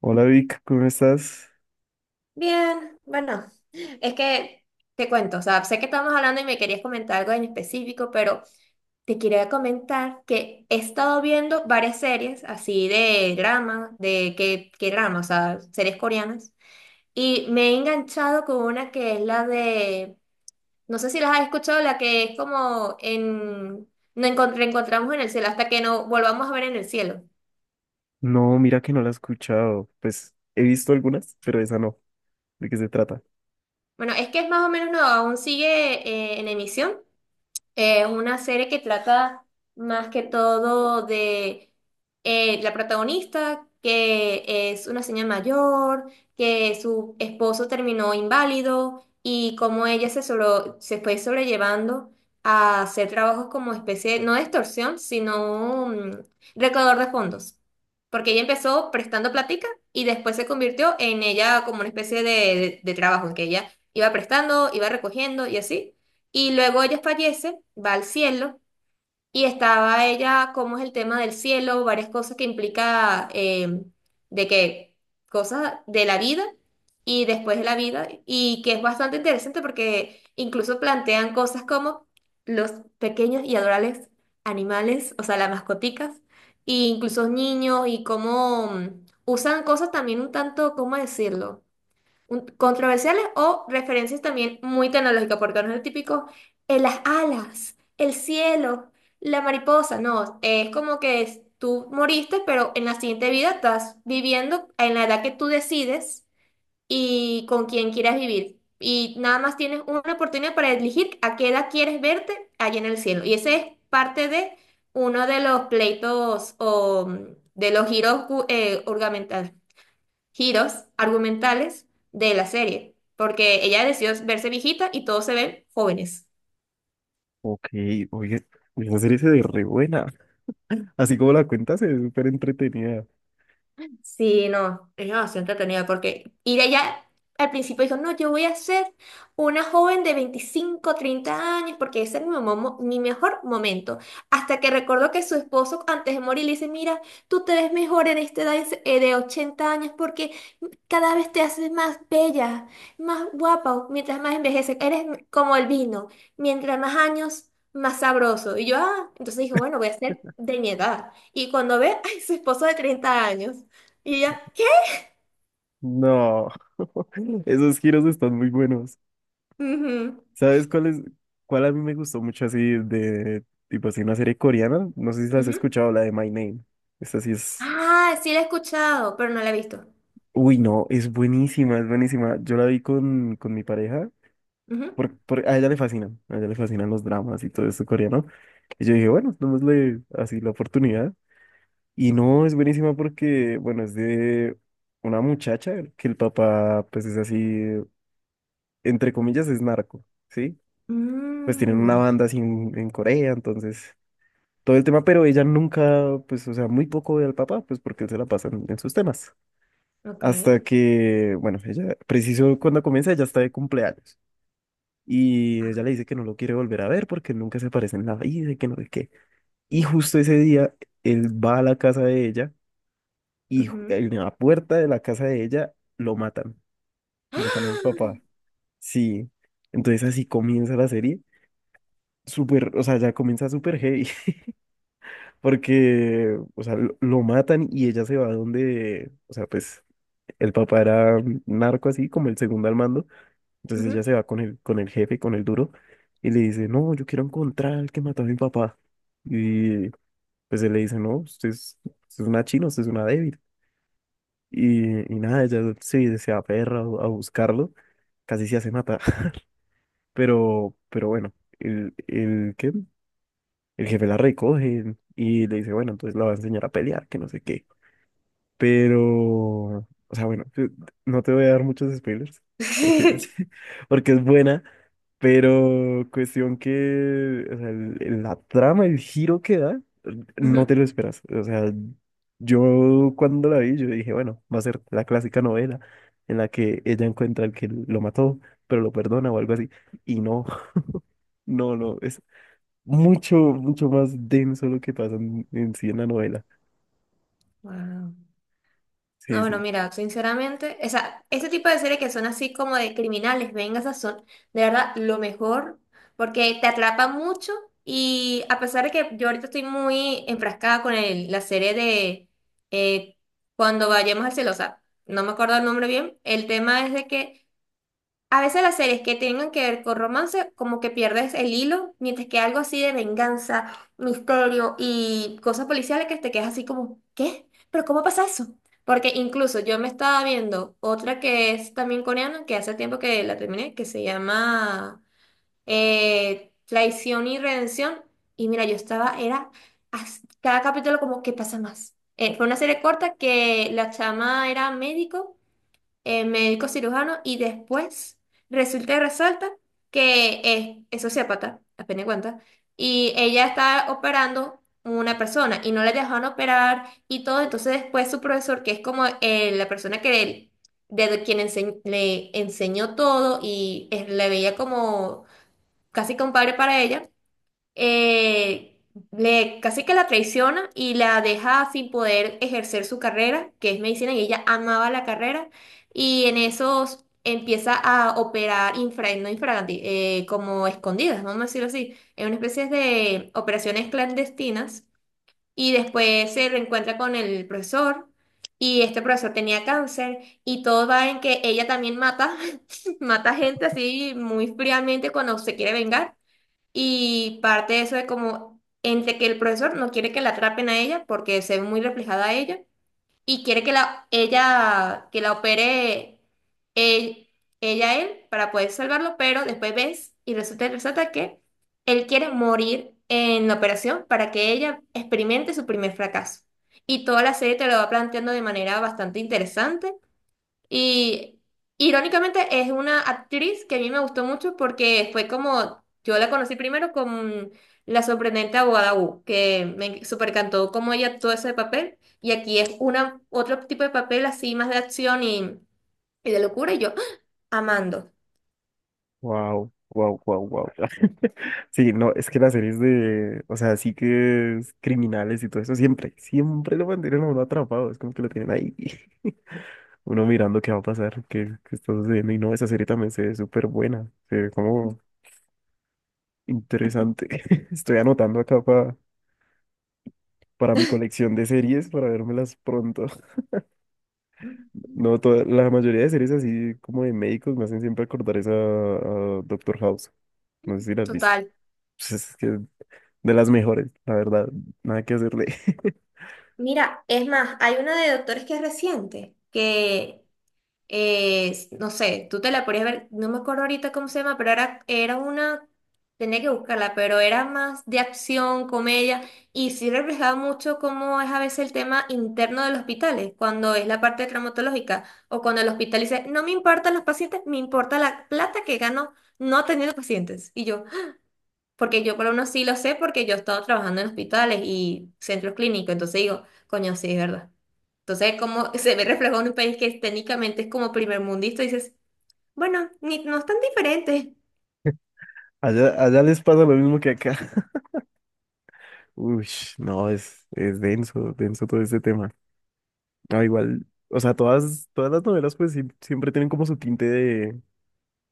Hola Vic, ¿cómo estás? Bien, bueno, es que te cuento, o sea, sé que estamos hablando y me querías comentar algo en específico, pero te quería comentar que he estado viendo varias series así de drama, de qué drama, o sea, series coreanas, y me he enganchado con una que es la de, no sé si las has escuchado, la que es como en, no encont- reencontramos en el cielo hasta que no volvamos a ver en el cielo. No, mira que no la he escuchado. Pues he visto algunas, pero esa no. ¿De qué se trata? Bueno, es que es más o menos, no, aún sigue en emisión. Es una serie que trata más que todo de la protagonista, que es una señora mayor, que su esposo terminó inválido y cómo ella se, solo se fue sobrellevando a hacer trabajos como especie, no de extorsión, sino recaudador de fondos. Porque ella empezó prestando plática y después se convirtió en ella como una especie de trabajo, en que ella iba prestando, iba recogiendo y así. Y luego ella fallece, va al cielo, y estaba ella, cómo es el tema del cielo, varias cosas que implica de que cosas de la vida y después de la vida, y que es bastante interesante porque incluso plantean cosas como los pequeños y adorables animales, o sea, las mascoticas, e incluso niños, y cómo usan cosas también un tanto, ¿cómo decirlo? Controversiales o referencias también muy tecnológicas, porque no es el típico en las alas, el cielo, la mariposa, no, es como que tú moriste, pero en la siguiente vida estás viviendo en la edad que tú decides y con quien quieras vivir. Y nada más tienes una oportunidad para elegir a qué edad quieres verte allá en el cielo. Y ese es parte de uno de los pleitos o de los giros ornamentales giros argumentales de la serie, porque ella decidió verse viejita y todos se ven jóvenes. Ok, oye, esa serie se ve re buena. Así como la cuenta se ve súper entretenida. Sí, no, es demasiado entretenido porque ir allá al principio dijo, no, yo voy a ser una joven de 25 30 años porque ese es mi mejor momento. Hasta que recordó que su esposo antes de morir le dice, mira, tú te ves mejor en esta edad de 80 años porque cada vez te haces más bella, más guapa, mientras más envejeces, eres como el vino, mientras más años, más sabroso. Y yo, ah, entonces dijo, bueno, voy a ser de mi edad. Y cuando ve, ay, su esposo de 30 años. Y ella, ¿qué? No, esos giros están muy buenos. Ujú, ¿Sabes cuál es, cuál a mí me gustó mucho así de, tipo así, una serie coreana? No sé si la has ujú. escuchado, la de My Name. Esta sí es... Ah, sí la he escuchado, pero no la he visto. Uy, no, es buenísima, es buenísima. Yo la vi con mi pareja Ujú. A ella le fascinan, a ella le fascinan los dramas y todo eso coreano. Y yo dije, bueno, démosle así la oportunidad. Y no, es buenísima porque, bueno, es de una muchacha que el papá, pues es así, entre comillas, es narco, ¿sí? Pues tienen una Mm, banda así en Corea, entonces, todo el tema, pero ella nunca, pues, o sea, muy poco ve al papá, pues porque él se la pasa en sus temas. ok. Hasta que, bueno, ella, preciso cuando comienza, ella está de cumpleaños. Y ella le Ajá. dice que no lo quiere volver a ver porque nunca se aparece en la vida y que no sé qué. Y justo ese día, él va a la casa de ella y Ujú. en la puerta de la casa de ella lo matan. ¡Ah! Matan al papá. Sí. Entonces así comienza la serie. Súper, o sea, ya comienza súper heavy porque, o sea, lo matan y ella se va donde, o sea, pues el papá era narco así, como el segundo al mando. Entonces ella Ujú. se va con el jefe, con el duro, y le dice, no, yo quiero encontrar al que mató a mi papá. Y pues él le dice, no, usted es una china, usted es una débil. Y nada, ella se, se aferra a buscarlo, casi se hace matar. Pero bueno, el, ¿qué? El jefe la recoge y le dice, bueno, entonces la va a enseñar a pelear, que no sé qué. Pero, o sea, bueno, yo no te voy a dar muchos spoilers, porque, porque es buena. Pero cuestión que, o sea, la trama, el giro que da, no Ujú. te lo esperas. O sea, yo cuando la vi, yo dije, bueno, va a ser la clásica novela en la que ella encuentra al que lo mató, pero lo perdona o algo así. Y no, no, no, es mucho, mucho más denso lo que pasa en sí en la novela. Wow. No, Sí, bueno, sí. mira, sinceramente, o sea, ese tipo de series que son así como de criminales, vengas son de verdad lo mejor, porque te atrapa mucho y a pesar de que yo ahorita estoy muy enfrascada con la serie de eh, Cuando vayamos al cielo, o sea, no me acuerdo el nombre bien, el tema es de que a veces las series que tengan que ver con romance, como que pierdes el hilo, mientras que algo así de venganza, misterio y cosas policiales que te quedas así como, ¿qué? ¿Pero cómo pasa eso? Porque incluso yo me estaba viendo otra que es también coreana, que hace tiempo que la terminé, que se llama Traición y Redención. Y mira, yo estaba, era cada capítulo como, ¿qué pasa más? Fue una serie corta que la chama era médico médico cirujano y después resulta y resalta que es sociópata, apenas cuenta, y ella está operando una persona y no le dejaron operar y todo, entonces después su profesor, que es como la persona que de quien le enseñó todo y le veía como casi compadre para ella, eh, le, casi que la traiciona y la deja sin poder ejercer su carrera, que es medicina, y ella amaba la carrera, y en esos empieza a operar infra, no infraganti, como escondidas, vamos a decirlo así, en una especie de operaciones clandestinas, y después se reencuentra con el profesor. Y este profesor tenía cáncer y todo va en que ella también mata, mata gente así muy fríamente cuando se quiere vengar. Y parte de eso de como entre que el profesor no quiere que la atrapen a ella porque se ve muy reflejada a ella y quiere que la ella que la opere él, ella a él para poder salvarlo, pero después ves y resulta y resalta que él quiere morir en la operación para que ella experimente su primer fracaso. Y toda la serie te lo va planteando de manera bastante interesante y irónicamente es una actriz que a mí me gustó mucho porque fue como, yo la conocí primero con La sorprendente abogada Wu, que me supercantó cómo ella actuó ese papel. Y aquí es una, otro tipo de papel así más de acción y de locura y yo ¡ah! Amando. Wow, wow, wow, wow. Sí, no, es que las series de, o sea, sí que es criminales y todo eso, siempre, siempre lo mantienen a uno atrapado, es como que lo tienen ahí, uno mirando qué va a pasar, qué, qué está sucediendo, y no, esa serie también se ve súper buena, se ve como interesante. Estoy anotando acá para mi colección de series, para vérmelas pronto. No, toda, la mayoría de series así como de médicos me hacen siempre acordar esa a Doctor House, no sé si las has visto. Total. Pues es que de las mejores, la verdad, nada que hacerle. Mira, es más, hay una de doctores que es reciente, que no sé, tú te la podías ver, no me acuerdo ahorita cómo se llama, pero era una, tenía que buscarla, pero era más de acción, comedia, y sí reflejaba mucho cómo es a veces el tema interno de los hospitales, cuando es la parte traumatológica, o cuando el hospital dice, no me importan los pacientes, me importa la plata que gano no teniendo pacientes. Y yo, porque yo por lo menos sí lo sé porque yo he estado trabajando en hospitales y centros clínicos, entonces digo, coño, sí, es verdad. Entonces, como se ve reflejado en un país que técnicamente es como primer mundista, dices, bueno, ni, no es tan diferente. Allá, allá les pasa lo mismo que acá. Uy, no, es denso, denso todo este tema. No, igual, o sea, todas, todas las novelas pues siempre tienen como su tinte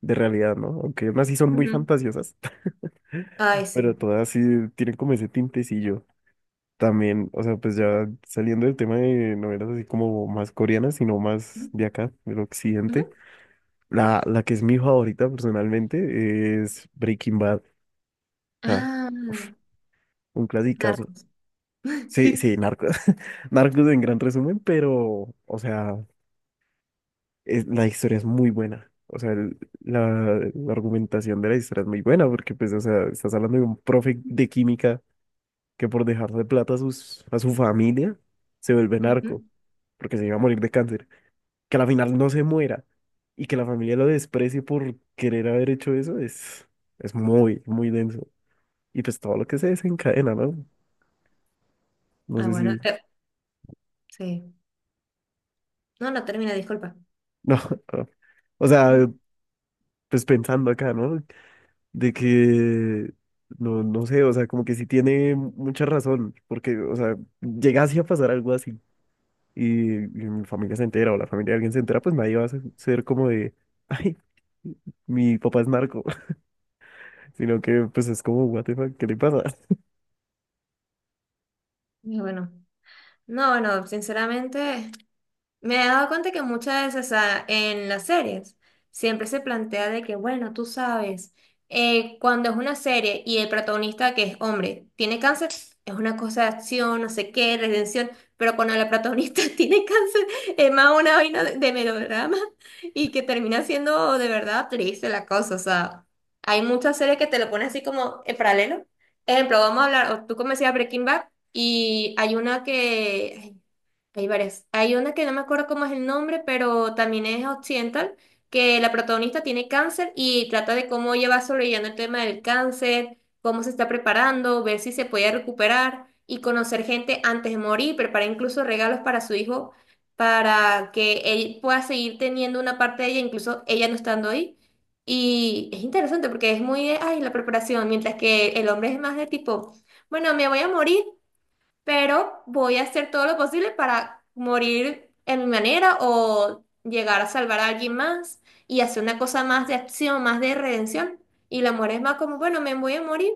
de realidad, ¿no? Aunque unas sí son muy Ujú. fantasiosas, Ay, pero sí. todas sí tienen como ese tintecillo. También, o sea, pues ya saliendo del tema de novelas así como más coreanas, sino más Ujú, de acá, del ujú. occidente, la que es mi favorita personalmente es Breaking Bad. O sea, Ah, uf, un clasicazo. narcos. Sí, sí, Narcos. Narcos en gran resumen, pero, o sea, la historia es muy buena. O sea, la, la argumentación de la historia es muy buena porque, pues, o sea, estás hablando de un profe de química que por dejarle plata a, sus, a su familia se vuelve narco Ujú. porque se iba a morir de cáncer. Que a la final no se muera y que la familia lo desprecie por querer haber hecho eso es muy, muy denso. Y pues todo lo que se desencadena, ¿no? No Ah, sé si... bueno, sí. No, no termina, disculpa. No, no. O sea, pues pensando acá, ¿no? De que, no, no sé, o sea, como que sí tiene mucha razón, porque, o sea, llegase a pasar algo así y mi familia se entera o la familia de alguien se entera, pues nadie va a ser como de, ay, mi papá es narco, sino que pues es como, what the fuck, ¿qué le pasa? Y bueno, no, bueno, sinceramente. Me he dado cuenta que muchas veces, o sea, en las series, siempre se plantea de que, bueno, tú sabes, cuando es una serie y el protagonista, que es hombre, tiene cáncer, es una cosa de acción, no sé qué, redención, pero cuando la protagonista tiene cáncer, es más una vaina de melodrama y que termina siendo de verdad triste la cosa, o sea, hay muchas series que te lo ponen así como en paralelo. Ejemplo, vamos a hablar, o tú como decías Breaking Bad, y hay una que... Hay varias. Hay una que no me acuerdo cómo es el nombre, pero también es occidental, que la protagonista tiene cáncer y trata de cómo ella va sobreviviendo el tema del cáncer, cómo se está preparando, ver si se puede recuperar y conocer gente antes de morir, preparar incluso regalos para su hijo para que él pueda seguir teniendo una parte de ella, incluso ella no estando ahí. Y es interesante porque es muy de, ay, la preparación, mientras que el hombre es más de tipo, bueno, me voy a morir pero voy a hacer todo lo posible para morir en mi manera o llegar a salvar a alguien más y hacer una cosa más de acción, más de redención. Y la muerte es más como, bueno, me voy a morir,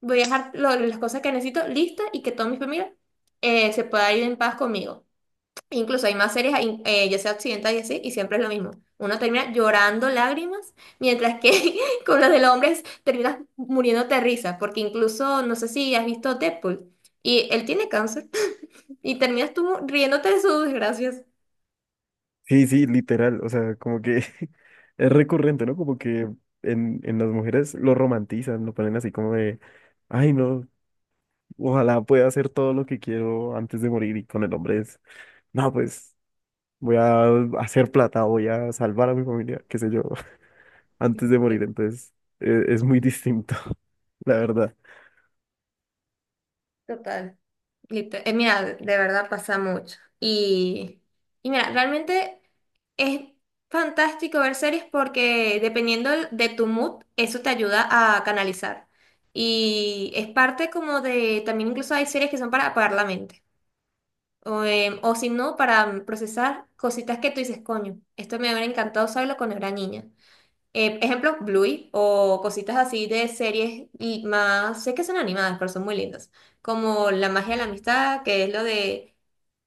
voy a dejar las cosas que necesito listas y que toda mi familia se pueda ir en paz conmigo. Incluso hay más series, ahí, ya sea occidental y así, y siempre es lo mismo. Uno termina llorando lágrimas, mientras que con los del hombre terminas muriéndote de risa, porque incluso, no sé si has visto Deadpool, y él tiene cáncer. Y terminas tú riéndote de sus desgracias. Sí, sí, literal, o sea, como que es recurrente, ¿no? Como que en las mujeres lo romantizan, lo ponen así como de, ay, no, ojalá pueda hacer todo lo que quiero antes de morir y con el hombre es no, pues voy a hacer plata, voy a salvar a mi familia, qué sé yo, antes de morir. Entonces, es, muy distinto, la verdad. Total. Mira, de verdad pasa mucho. Y mira, realmente es fantástico ver series porque dependiendo de tu mood, eso te ayuda a canalizar. Y es parte como de, también incluso hay series que son para apagar la mente. O si no, para procesar cositas que tú dices, coño, esto me hubiera encantado saberlo cuando era niña. Ejemplo, Bluey o cositas así de series y más, sé que son animadas, pero son muy lindas, como La magia de la amistad, que es lo de,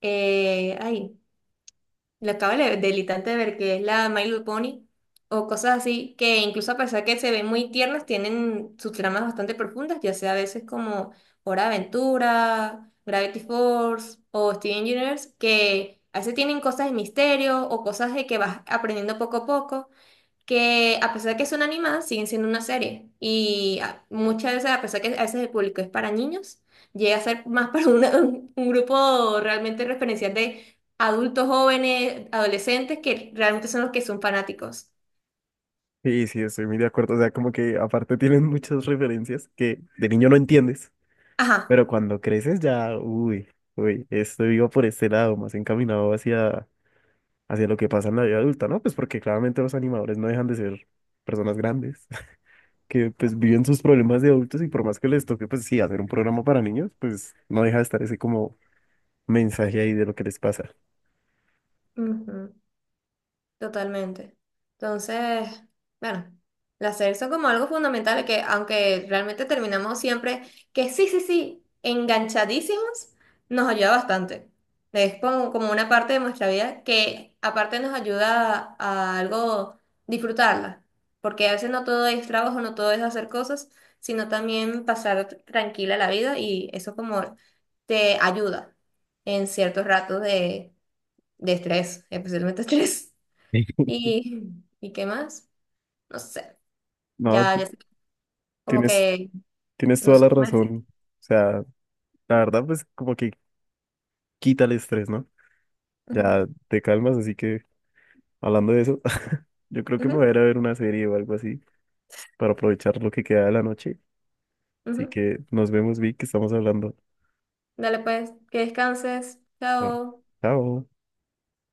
ay, lo acabo del instante de ver, que es la My Little Pony, o cosas así, que incluso a pesar que se ven muy tiernas, tienen sus tramas bastante profundas, ya sea a veces como Hora de Aventura, Gravity Force o Steven Universe, que a veces tienen cosas de misterio o cosas de que vas aprendiendo poco a poco que a pesar de que son animadas, siguen siendo una serie. Y muchas veces, a pesar que a veces el público es para niños, llega a ser más para un grupo realmente referencial de adultos jóvenes, adolescentes, que realmente son los que son fanáticos. Y sí, estoy muy de acuerdo. O sea, como que aparte tienen muchas referencias que de niño no entiendes, Ajá. pero cuando creces ya, uy, uy, estoy vivo por este lado, más encaminado hacia, hacia lo que pasa en la vida adulta, ¿no? Pues porque claramente los animadores no dejan de ser personas grandes que pues viven sus problemas de adultos y por más que les toque, pues sí, hacer un programa para niños, pues no deja de estar ese como mensaje ahí de lo que les pasa. Totalmente. Entonces, bueno, las series son como algo fundamental que, aunque realmente terminamos siempre, que sí, sí, sí, enganchadísimos, nos ayuda bastante. Es como, como una parte de nuestra vida que aparte nos ayuda a algo disfrutarla, porque a veces no todo es trabajo, no todo es hacer cosas, sino también pasar tranquila la vida y eso como te ayuda en ciertos ratos de estrés, especialmente estrés. Sí. ¿Y, ¿y qué más? No sé. No, Ya, ya sé. Como tienes, que tienes no toda sé la qué más decir. razón. O sea, la verdad, pues como que quita el estrés, ¿no? Ya te calmas, así que hablando de eso, yo creo que me voy Ujú, a ir a ver una serie o algo así para aprovechar lo que queda de la noche. ujú, Así ujú. que nos vemos, Vic, que estamos hablando. Dale pues, que descanses. Ah, Chao. chao.